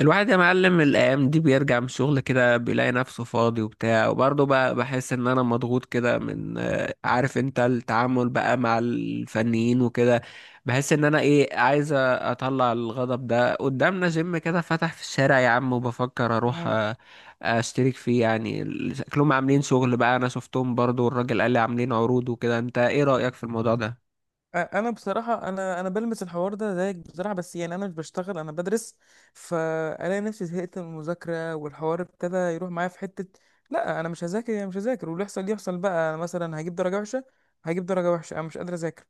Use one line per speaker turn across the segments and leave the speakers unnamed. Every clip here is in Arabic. الواحد يا معلم، الايام دي بيرجع من الشغل كده بيلاقي نفسه فاضي وبتاع. وبرضه بقى بحس ان انا مضغوط كده من آه، عارف انت، التعامل بقى مع الفنيين وكده. بحس ان انا ايه، عايز اطلع الغضب ده. قدامنا جيم كده فتح في الشارع يا عم، وبفكر اروح
مم.
آه، اشترك فيه. يعني ال- شكلهم عاملين شغل بقى، انا شفتهم برضه، والراجل قال لي عاملين عروض وكده. انت ايه رأيك في الموضوع ده؟
انا بصراحه، انا بلمس الحوار ده زيك بصراحه، بس يعني انا مش بشتغل، انا بدرس. فانا نفسي زهقت من المذاكره والحوار ابتدى يروح معايا في حته. لا، انا مش هذاكر، يعني مش هذاكر، واللي يحصل يحصل بقى. انا مثلا هجيب درجه وحشه، هجيب درجه وحشه، انا مش قادر اذاكر.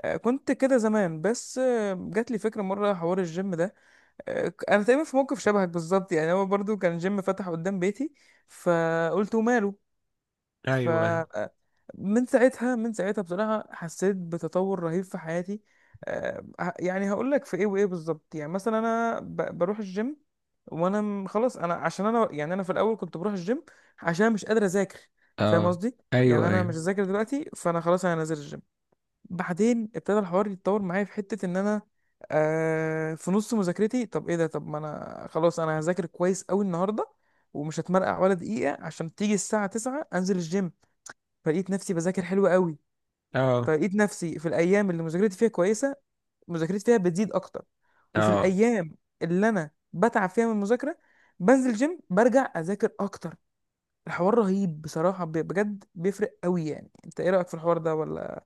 كنت كده زمان، بس جات لي فكره مره حوار الجيم ده. انا تقريبا في موقف شبهك بالظبط، يعني هو برضو كان جيم فتح قدام بيتي فقلت وماله. ف
ايوه ايوه.
من ساعتها، من ساعتها بصراحة حسيت بتطور رهيب في حياتي. يعني هقول لك في ايه وايه بالظبط. يعني مثلا انا بروح الجيم، وانا خلاص، انا عشان انا يعني انا في الاول كنت بروح الجيم عشان مش قادر اذاكر، فاهم
اه.
قصدي؟
ايوه
يعني انا
ايوه.
مش ذاكر دلوقتي، فانا خلاص انا نازل الجيم. بعدين ابتدى الحوار يتطور معايا في حتة ان انا في نص مذاكرتي، طب ايه ده؟ طب ما انا خلاص انا هذاكر كويس قوي النهارده، ومش هتمرقع ولا دقيقة عشان تيجي الساعة 9 انزل الجيم. فلقيت نفسي بذاكر حلو قوي.
اه.
فلقيت نفسي في الايام اللي مذاكرتي فيها كويسه مذاكرتي فيها بتزيد اكتر، وفي
اه.
الايام اللي انا بتعب فيها من المذاكره بنزل جيم، برجع اذاكر اكتر. الحوار رهيب بصراحه، بجد بيفرق قوي. يعني انت ايه رايك في الحوار ده، ولا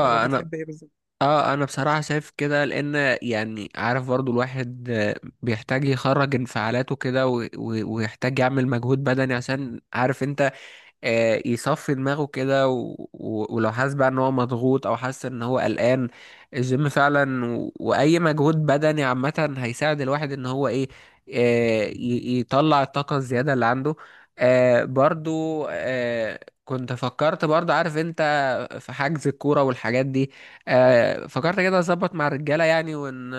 انا
بتحب ايه بالظبط؟
اه انا بصراحة شايف كده، لان يعني عارف برضو الواحد آه، بيحتاج يخرج انفعالاته كده، و- و- ويحتاج يعمل مجهود بدني عشان عارف انت آه، يصفي دماغه كده، و... و... ولو حاسس بقى ان هو مضغوط او حاسس ان هو قلقان، الجيم فعلا و... واي مجهود بدني عامة هيساعد الواحد ان هو ايه، آه، ي... يطلع الطاقة الزيادة اللي عنده. آه، برضو آه، كنت فكرت برضو عارف انت في حجز الكورة والحاجات دي. آه، فكرت كده اظبط مع الرجالة، يعني ون...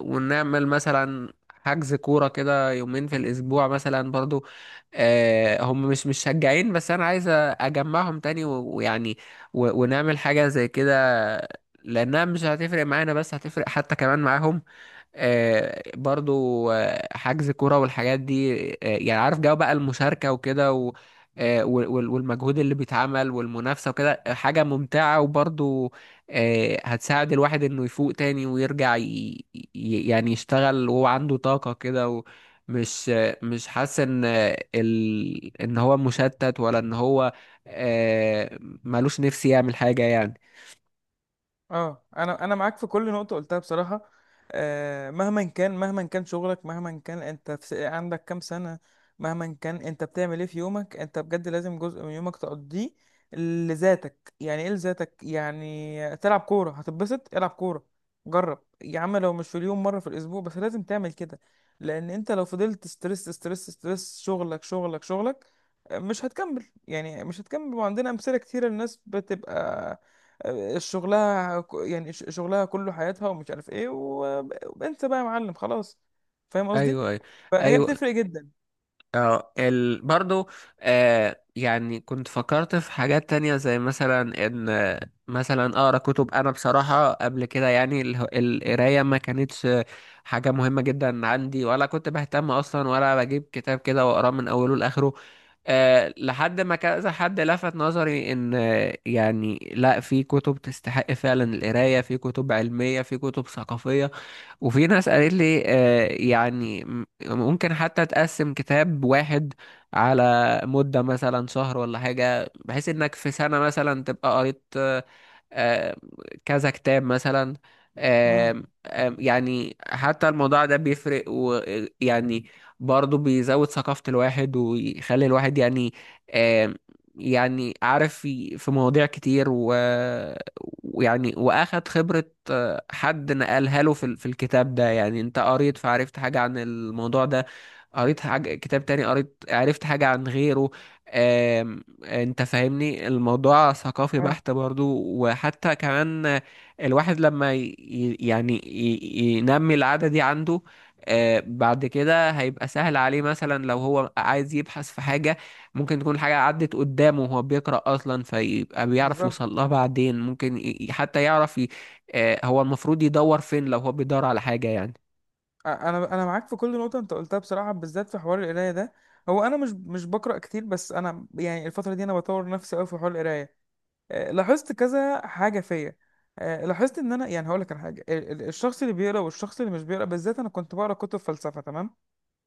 ونعمل مثلا حجز كورة كده يومين في الأسبوع مثلا برضو. آه، هم مش مشجعين، بس انا عايز اجمعهم تاني و- ويعني و- ونعمل حاجة زي كده، لانها مش هتفرق معانا بس هتفرق حتى كمان معاهم. آه، برضو آه، حجز كرة والحاجات دي، آه، يعني عارف جو بقى المشاركة وكده، و آه، وال- وال- والمجهود اللي بيتعمل والمنافسة وكده، آه، حاجة ممتعة، وبرضو آه، هتساعد الواحد انه يفوق تاني ويرجع ي... ي- يعني يشتغل وهو عنده طاقة كده، ومش آه، مش حاسس ان آه، ال... ان هو مشتت، ولا ان هو آه، ملوش نفسي يعمل حاجة يعني.
اه، انا معاك في كل نقطه قلتها بصراحه. مهما كان، مهما كان شغلك، مهما كان انت في عندك كام سنه، مهما كان انت بتعمل ايه في يومك، انت بجد لازم جزء من يومك تقضيه لذاتك. يعني ايه لذاتك؟ يعني تلعب كوره هتتبسط، العب كوره، جرب يا عم، لو مش في اليوم مره في الاسبوع، بس لازم تعمل كده. لان انت لو فضلت ستريس ستريس ستريس، شغلك شغلك شغلك، مش هتكمل، يعني مش هتكمل. وعندنا امثله كتيره، الناس بتبقى شغلها يعني شغلها كله حياتها ومش عارف ايه، وانت بقى يا معلم خلاص، فاهم قصدي؟
ايوه ايوه.
فهي
ايوه.
بتفرق جدا.
اه ال... برضو آه يعني كنت فكرت في حاجات تانية، زي مثلا ان آه، مثلا اقرا كتب. انا بصراحة قبل كده يعني اله- القراية ما كانتش حاجة مهمة جدا عندي، ولا كنت بهتم اصلا، ولا بجيب كتاب كده واقراه من اوله لاخره. آه لحد ما كذا حد لفت نظري ان آه، يعني لا، في كتب تستحق فعلا القراية، في كتب علمية، في كتب ثقافية. وفي ناس قالت لي آه، يعني م- ممكن حتى تقسم كتاب واحد على مدة مثلا شهر ولا حاجة، بحيث انك في سنة مثلا تبقى قريت آه، كذا كتاب مثلا.
امم،
آم، آم، يعني حتى الموضوع ده بيفرق ويعني برضه بيزود ثقافة الواحد، ويخلي الواحد يعني آم، يعني عارف، في في مواضيع كتير و- ويعني وأخد خبرة آه، حد نقلها له في ال- في الكتاب ده. يعني أنت قريت فعرفت حاجة عن الموضوع ده، قريت حاجة كتاب تاني قريت عرفت حاجة عن غيره. انت فاهمني، الموضوع ثقافي
اه
بحت برضو. وحتى كمان الواحد لما ي... ي- يعني ي... ينمي العادة دي عنده، آه، بعد كده هيبقى سهل عليه مثلا لو هو عايز يبحث في حاجة، ممكن تكون حاجة عدت قدامه وهو بيقرأ أصلا، فيبقى بيعرف
بالظبط.
يوصل لها بعدين. ممكن ي... ي- حتى يعرف ي... آه، هو المفروض يدور فين لو هو بيدور على حاجة يعني.
انا معاك في كل نقطه انت قلتها بصراحه، بالذات في حوار القرايه ده. هو انا مش بقرا كتير، بس انا يعني الفتره دي انا بطور نفسي قوي في حوار القرايه. لاحظت كذا حاجه فيا. لاحظت ان انا، يعني هقول لك على حاجه، الشخص اللي بيقرا والشخص اللي مش بيقرا. بالذات انا كنت بقرا كتب فلسفه، تمام؟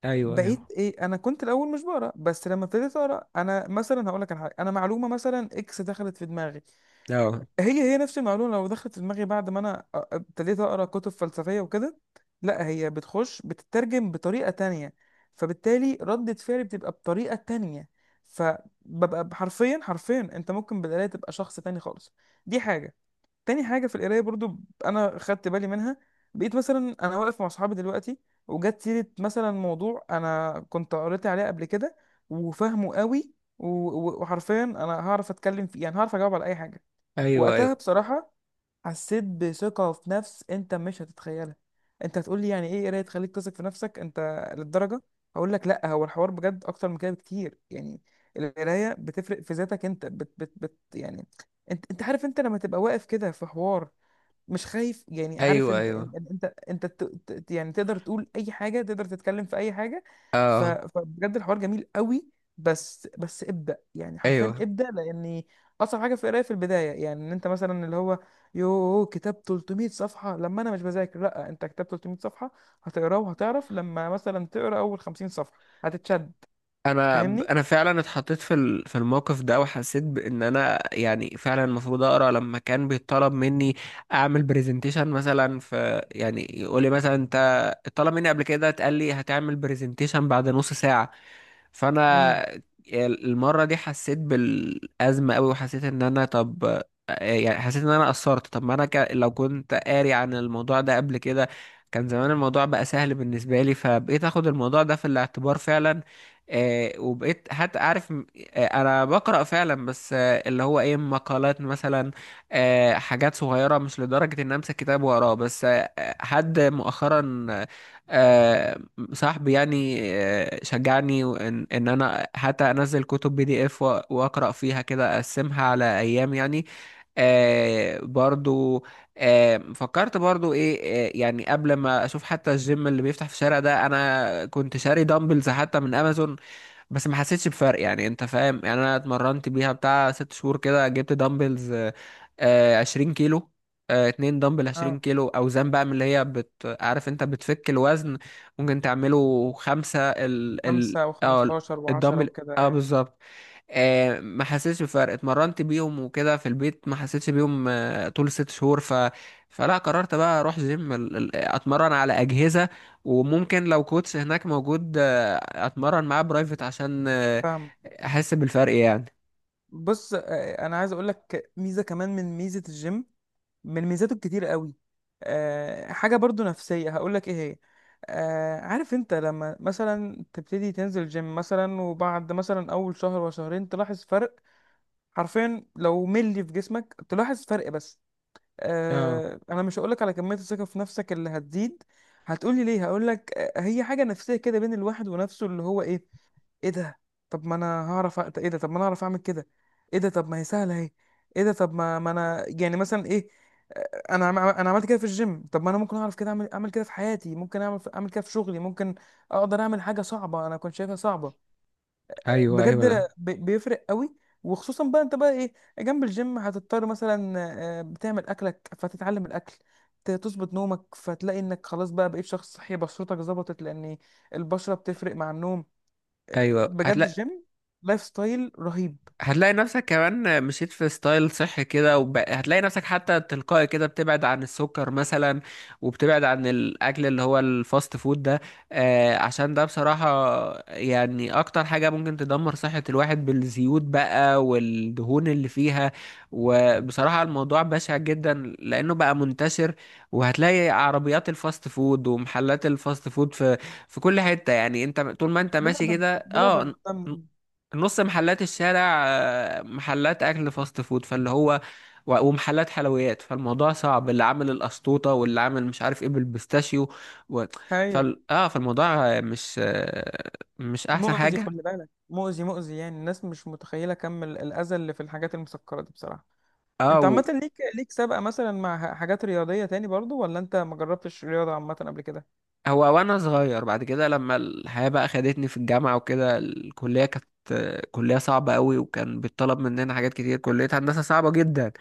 أيوه
بقيت
أيوه.
ايه، انا كنت الاول مش بقرا، بس لما ابتديت اقرا، انا مثلا هقول لك على حاجه، انا معلومه مثلا اكس دخلت في دماغي،
أه.
هي نفس المعلومه لو دخلت في دماغي بعد ما انا ابتديت اقرا كتب فلسفيه وكده، لا هي بتخش بتترجم بطريقه تانية، فبالتالي ردة فعلي بتبقى بطريقه تانية. فببقى حرفيا، حرفيا انت ممكن بالقرايه تبقى شخص تاني خالص. دي حاجه. تاني حاجة في القراية برضو، أنا خدت بالي منها، بقيت مثلا أنا واقف مع صحابي دلوقتي وجت سيرة مثلا موضوع أنا كنت قريت عليه قبل كده وفاهمه قوي، وحرفيا أنا هعرف أتكلم فيه، يعني هعرف أجاوب على أي حاجة.
أيوه
وقتها
أيوه.
بصراحة حسيت بثقة في نفس أنت مش هتتخيلها. أنت هتقول لي يعني إيه قراية تخليك تثق في نفسك أنت للدرجة؟ هقول لك لأ، هو الحوار بجد أكتر من كده بكتير. يعني القراية بتفرق في ذاتك أنت، بت بت بت يعني أنت عارف. أنت لما تبقى واقف كده في حوار مش خايف، يعني عارف
أيوه
انت
أيوه.
انت انت, انت ت- ت- يعني تقدر تقول اي حاجه، تقدر تتكلم في اي حاجه.
أه.
فبجد الحوار جميل قوي. بس ابدا، يعني حرفيا
أيوه.
ابدا. لان اصعب حاجه في القرايه في البدايه، يعني ان انت مثلا اللي هو يو كتاب 300 صفحه، لما انا مش بذاكر؟ لا، انت كتاب 300 صفحه هتقراه، وهتعرف لما مثلا تقرا اول 50 صفحه هتتشد،
انا
فاهمني؟
انا فعلا اتحطيت في ال- في الموقف ده، وحسيت بان انا يعني فعلا المفروض اقرا. لما كان بيطلب مني اعمل برزنتيشن مثلا، في يعني يقول لي مثلا انت، طلب مني قبل كده، اتقال لي هتعمل برزنتيشن بعد نص ساعه.
امم،
فانا المره دي حسيت بالازمه قوي، وحسيت ان انا، طب يعني حسيت ان انا قصرت. طب ما انا ك... لو كنت قاري عن الموضوع ده قبل كده، كان زمان الموضوع بقى سهل بالنسبه لي، فبقيت اخد الموضوع ده في الاعتبار فعلا. آه وبقيت حتى عارف م- آه انا بقرا فعلا، بس آه اللي هو ايه، مقالات مثلا، آه حاجات صغيره، مش لدرجه ان امسك كتاب واقراه. بس آه حد مؤخرا، آه صاحبي يعني، آه، شجعني ان ان انا حتى انزل كتب بي دي اف، واقرا فيها كده، اقسمها على ايام يعني. آه برضو آه فكرت برضو ايه، آه يعني قبل ما اشوف حتى الجيم اللي بيفتح في الشارع ده، انا كنت شاري دامبلز حتى من امازون، بس ما حسيتش بفرق. يعني انت فاهم، يعني انا اتمرنت بيها بتاع 6 شهور كده. جبت دمبلز آه، 20 كيلو، آه، 2 دمبل 20
اه،
كيلو، اوزان بقى من اللي هي بت... عارف انت بتفك الوزن. ممكن تعمله خمسة ال ال
خمسة
اه
وخمستاشر وعشرة
الدمبل اه
وكده،
بالظبط. آه، ما حسيتش بفرق، اتمرنت بيهم وكده في البيت ما حسيتش بيهم آه، طول 6 شهور. ف... فلا قررت بقى اروح جيم، ال- ال- اتمرن على اجهزه، وممكن لو كوتش هناك موجود آه، اتمرن معاه برايفت عشان آه،
فاهم.
احس بالفرق يعني.
بص، انا عايز اقول لك ميزه كمان من ميزه الجيم، من ميزاته الكتير قوي. أه، حاجة برضو نفسية، هقولك ايه هي. أه، عارف انت لما مثلا تبتدي تنزل جيم مثلا، وبعد مثلا اول شهر وشهرين تلاحظ فرق، حرفيا لو ملي في جسمك تلاحظ فرق. بس
اه.
أه، انا مش هقولك على كمية الثقة في نفسك اللي هتزيد. هتقولي ليه؟ هقولك هي حاجة نفسية كده بين الواحد ونفسه، اللي هو ايه، ايه ده؟ طب ما انا هعرف ايه ده؟ طب ما انا هعرف اعمل كده. ايه ده؟ طب ما هي سهلة اهي. ايه ده؟ طب ما ما انا يعني مثلا ايه، انا عملت كده في الجيم، طب ما انا ممكن اعرف كده اعمل، اعمل كده في حياتي، ممكن اعمل، اعمل كده في شغلي، ممكن اقدر اعمل حاجه صعبه انا كنت شايفها صعبه.
ايوه ايوه
بجد
ده.
بيفرق قوي. وخصوصا بقى انت بقى ايه، جنب الجيم هتضطر مثلا بتعمل اكلك فتتعلم الاكل، تظبط نومك، فتلاقي انك خلاص بقى بقيت شخص صحي، بشرتك ظبطت لان البشره بتفرق مع النوم.
ايوه.
بجد
هتلاقي.
الجيم لايف ستايل رهيب.
هتلاقي نفسك كمان مشيت في ستايل صحي كده، وب... هتلاقي نفسك حتى تلقائي كده بتبعد عن السكر مثلا، وبتبعد عن الاكل اللي هو الفاست فود ده. آه عشان ده بصراحة يعني اكتر حاجة ممكن تدمر صحة الواحد، بالزيوت بقى والدهون اللي فيها. وبصراحة الموضوع بشع جدا لانه بقى منتشر، وهتلاقي عربيات الفاست فود ومحلات الفاست فود في في كل حتة. يعني انت طول ما انت ماشي
بلبن
كده،
بلبن
اه،
وتمن،
نص محلات الشارع آه، محلات اكل فاست فود، فاللي هو و- ومحلات حلويات. فالموضوع صعب، اللي عامل القشطوطه واللي عامل مش عارف ايه بالبيستاشيو، و...
ايوه.
فال... اه فالموضوع آه، مش آه، مش احسن
مؤذي،
حاجه.
خلي بالك، مؤذي مؤذي، يعني الناس مش متخيلة كم الأذى اللي في الحاجات المسكرة دي بصراحة.
اه
انت
و...
عامة ليك، ليك سابقة مثلا مع حاجات رياضية تاني برضو، ولا انت ما جربتش رياضة عامة قبل كده؟
هو وانا صغير. بعد كده لما الحياه بقى خدتني في الجامعه وكده، الكليه كانت آه، كليه صعبه قوي، وكان بيطلب مننا حاجات كتير، كليه هندسه صعبه جدا.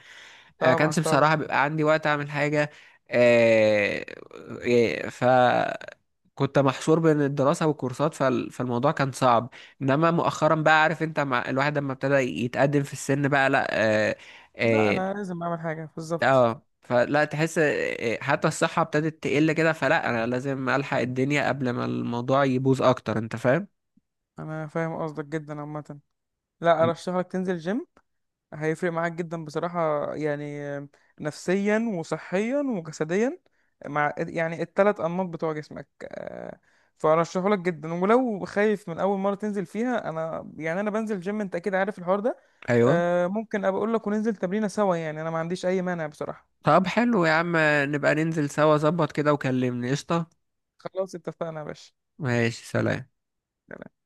آه،
طبعا،
كانش
طبعا
بصراحه بيبقى عندي وقت اعمل حاجه. آه، آه، ف كنت محشور بين الدراسة والكورسات، فال... فالموضوع كان صعب. انما مؤخرا بقى عارف انت، مع الواحد لما ابتدى يتقدم في السن بقى، لا. اه.
لا،
اه,
انا لازم اعمل حاجة بالظبط.
آه فلا تحس، آه، حتى الصحة ابتدت تقل كده، فلا انا لازم الحق الدنيا قبل ما الموضوع يبوظ اكتر. انت فاهم.
انا فاهم قصدك جدا. عامة، لا،
م.
ارشح لك تنزل جيم، هيفرق معاك جدا بصراحة، يعني نفسيا وصحيا وجسديا، مع يعني التلات أنماط بتوع جسمك. فأرشحه لك جدا، ولو خايف من أول مرة تنزل فيها، أنا يعني أنا بنزل جيم، أنت أكيد عارف الحوار ده.
ايوه.
ممكن أبقى أقول لك وننزل تمرينة سوا، يعني أنا ما عنديش أي مانع بصراحة.
طب حلو يا عم، نبقى ننزل سوا، ظبط كده وكلمني قشطة.
خلاص، اتفقنا يا باشا.
ماشي سلام.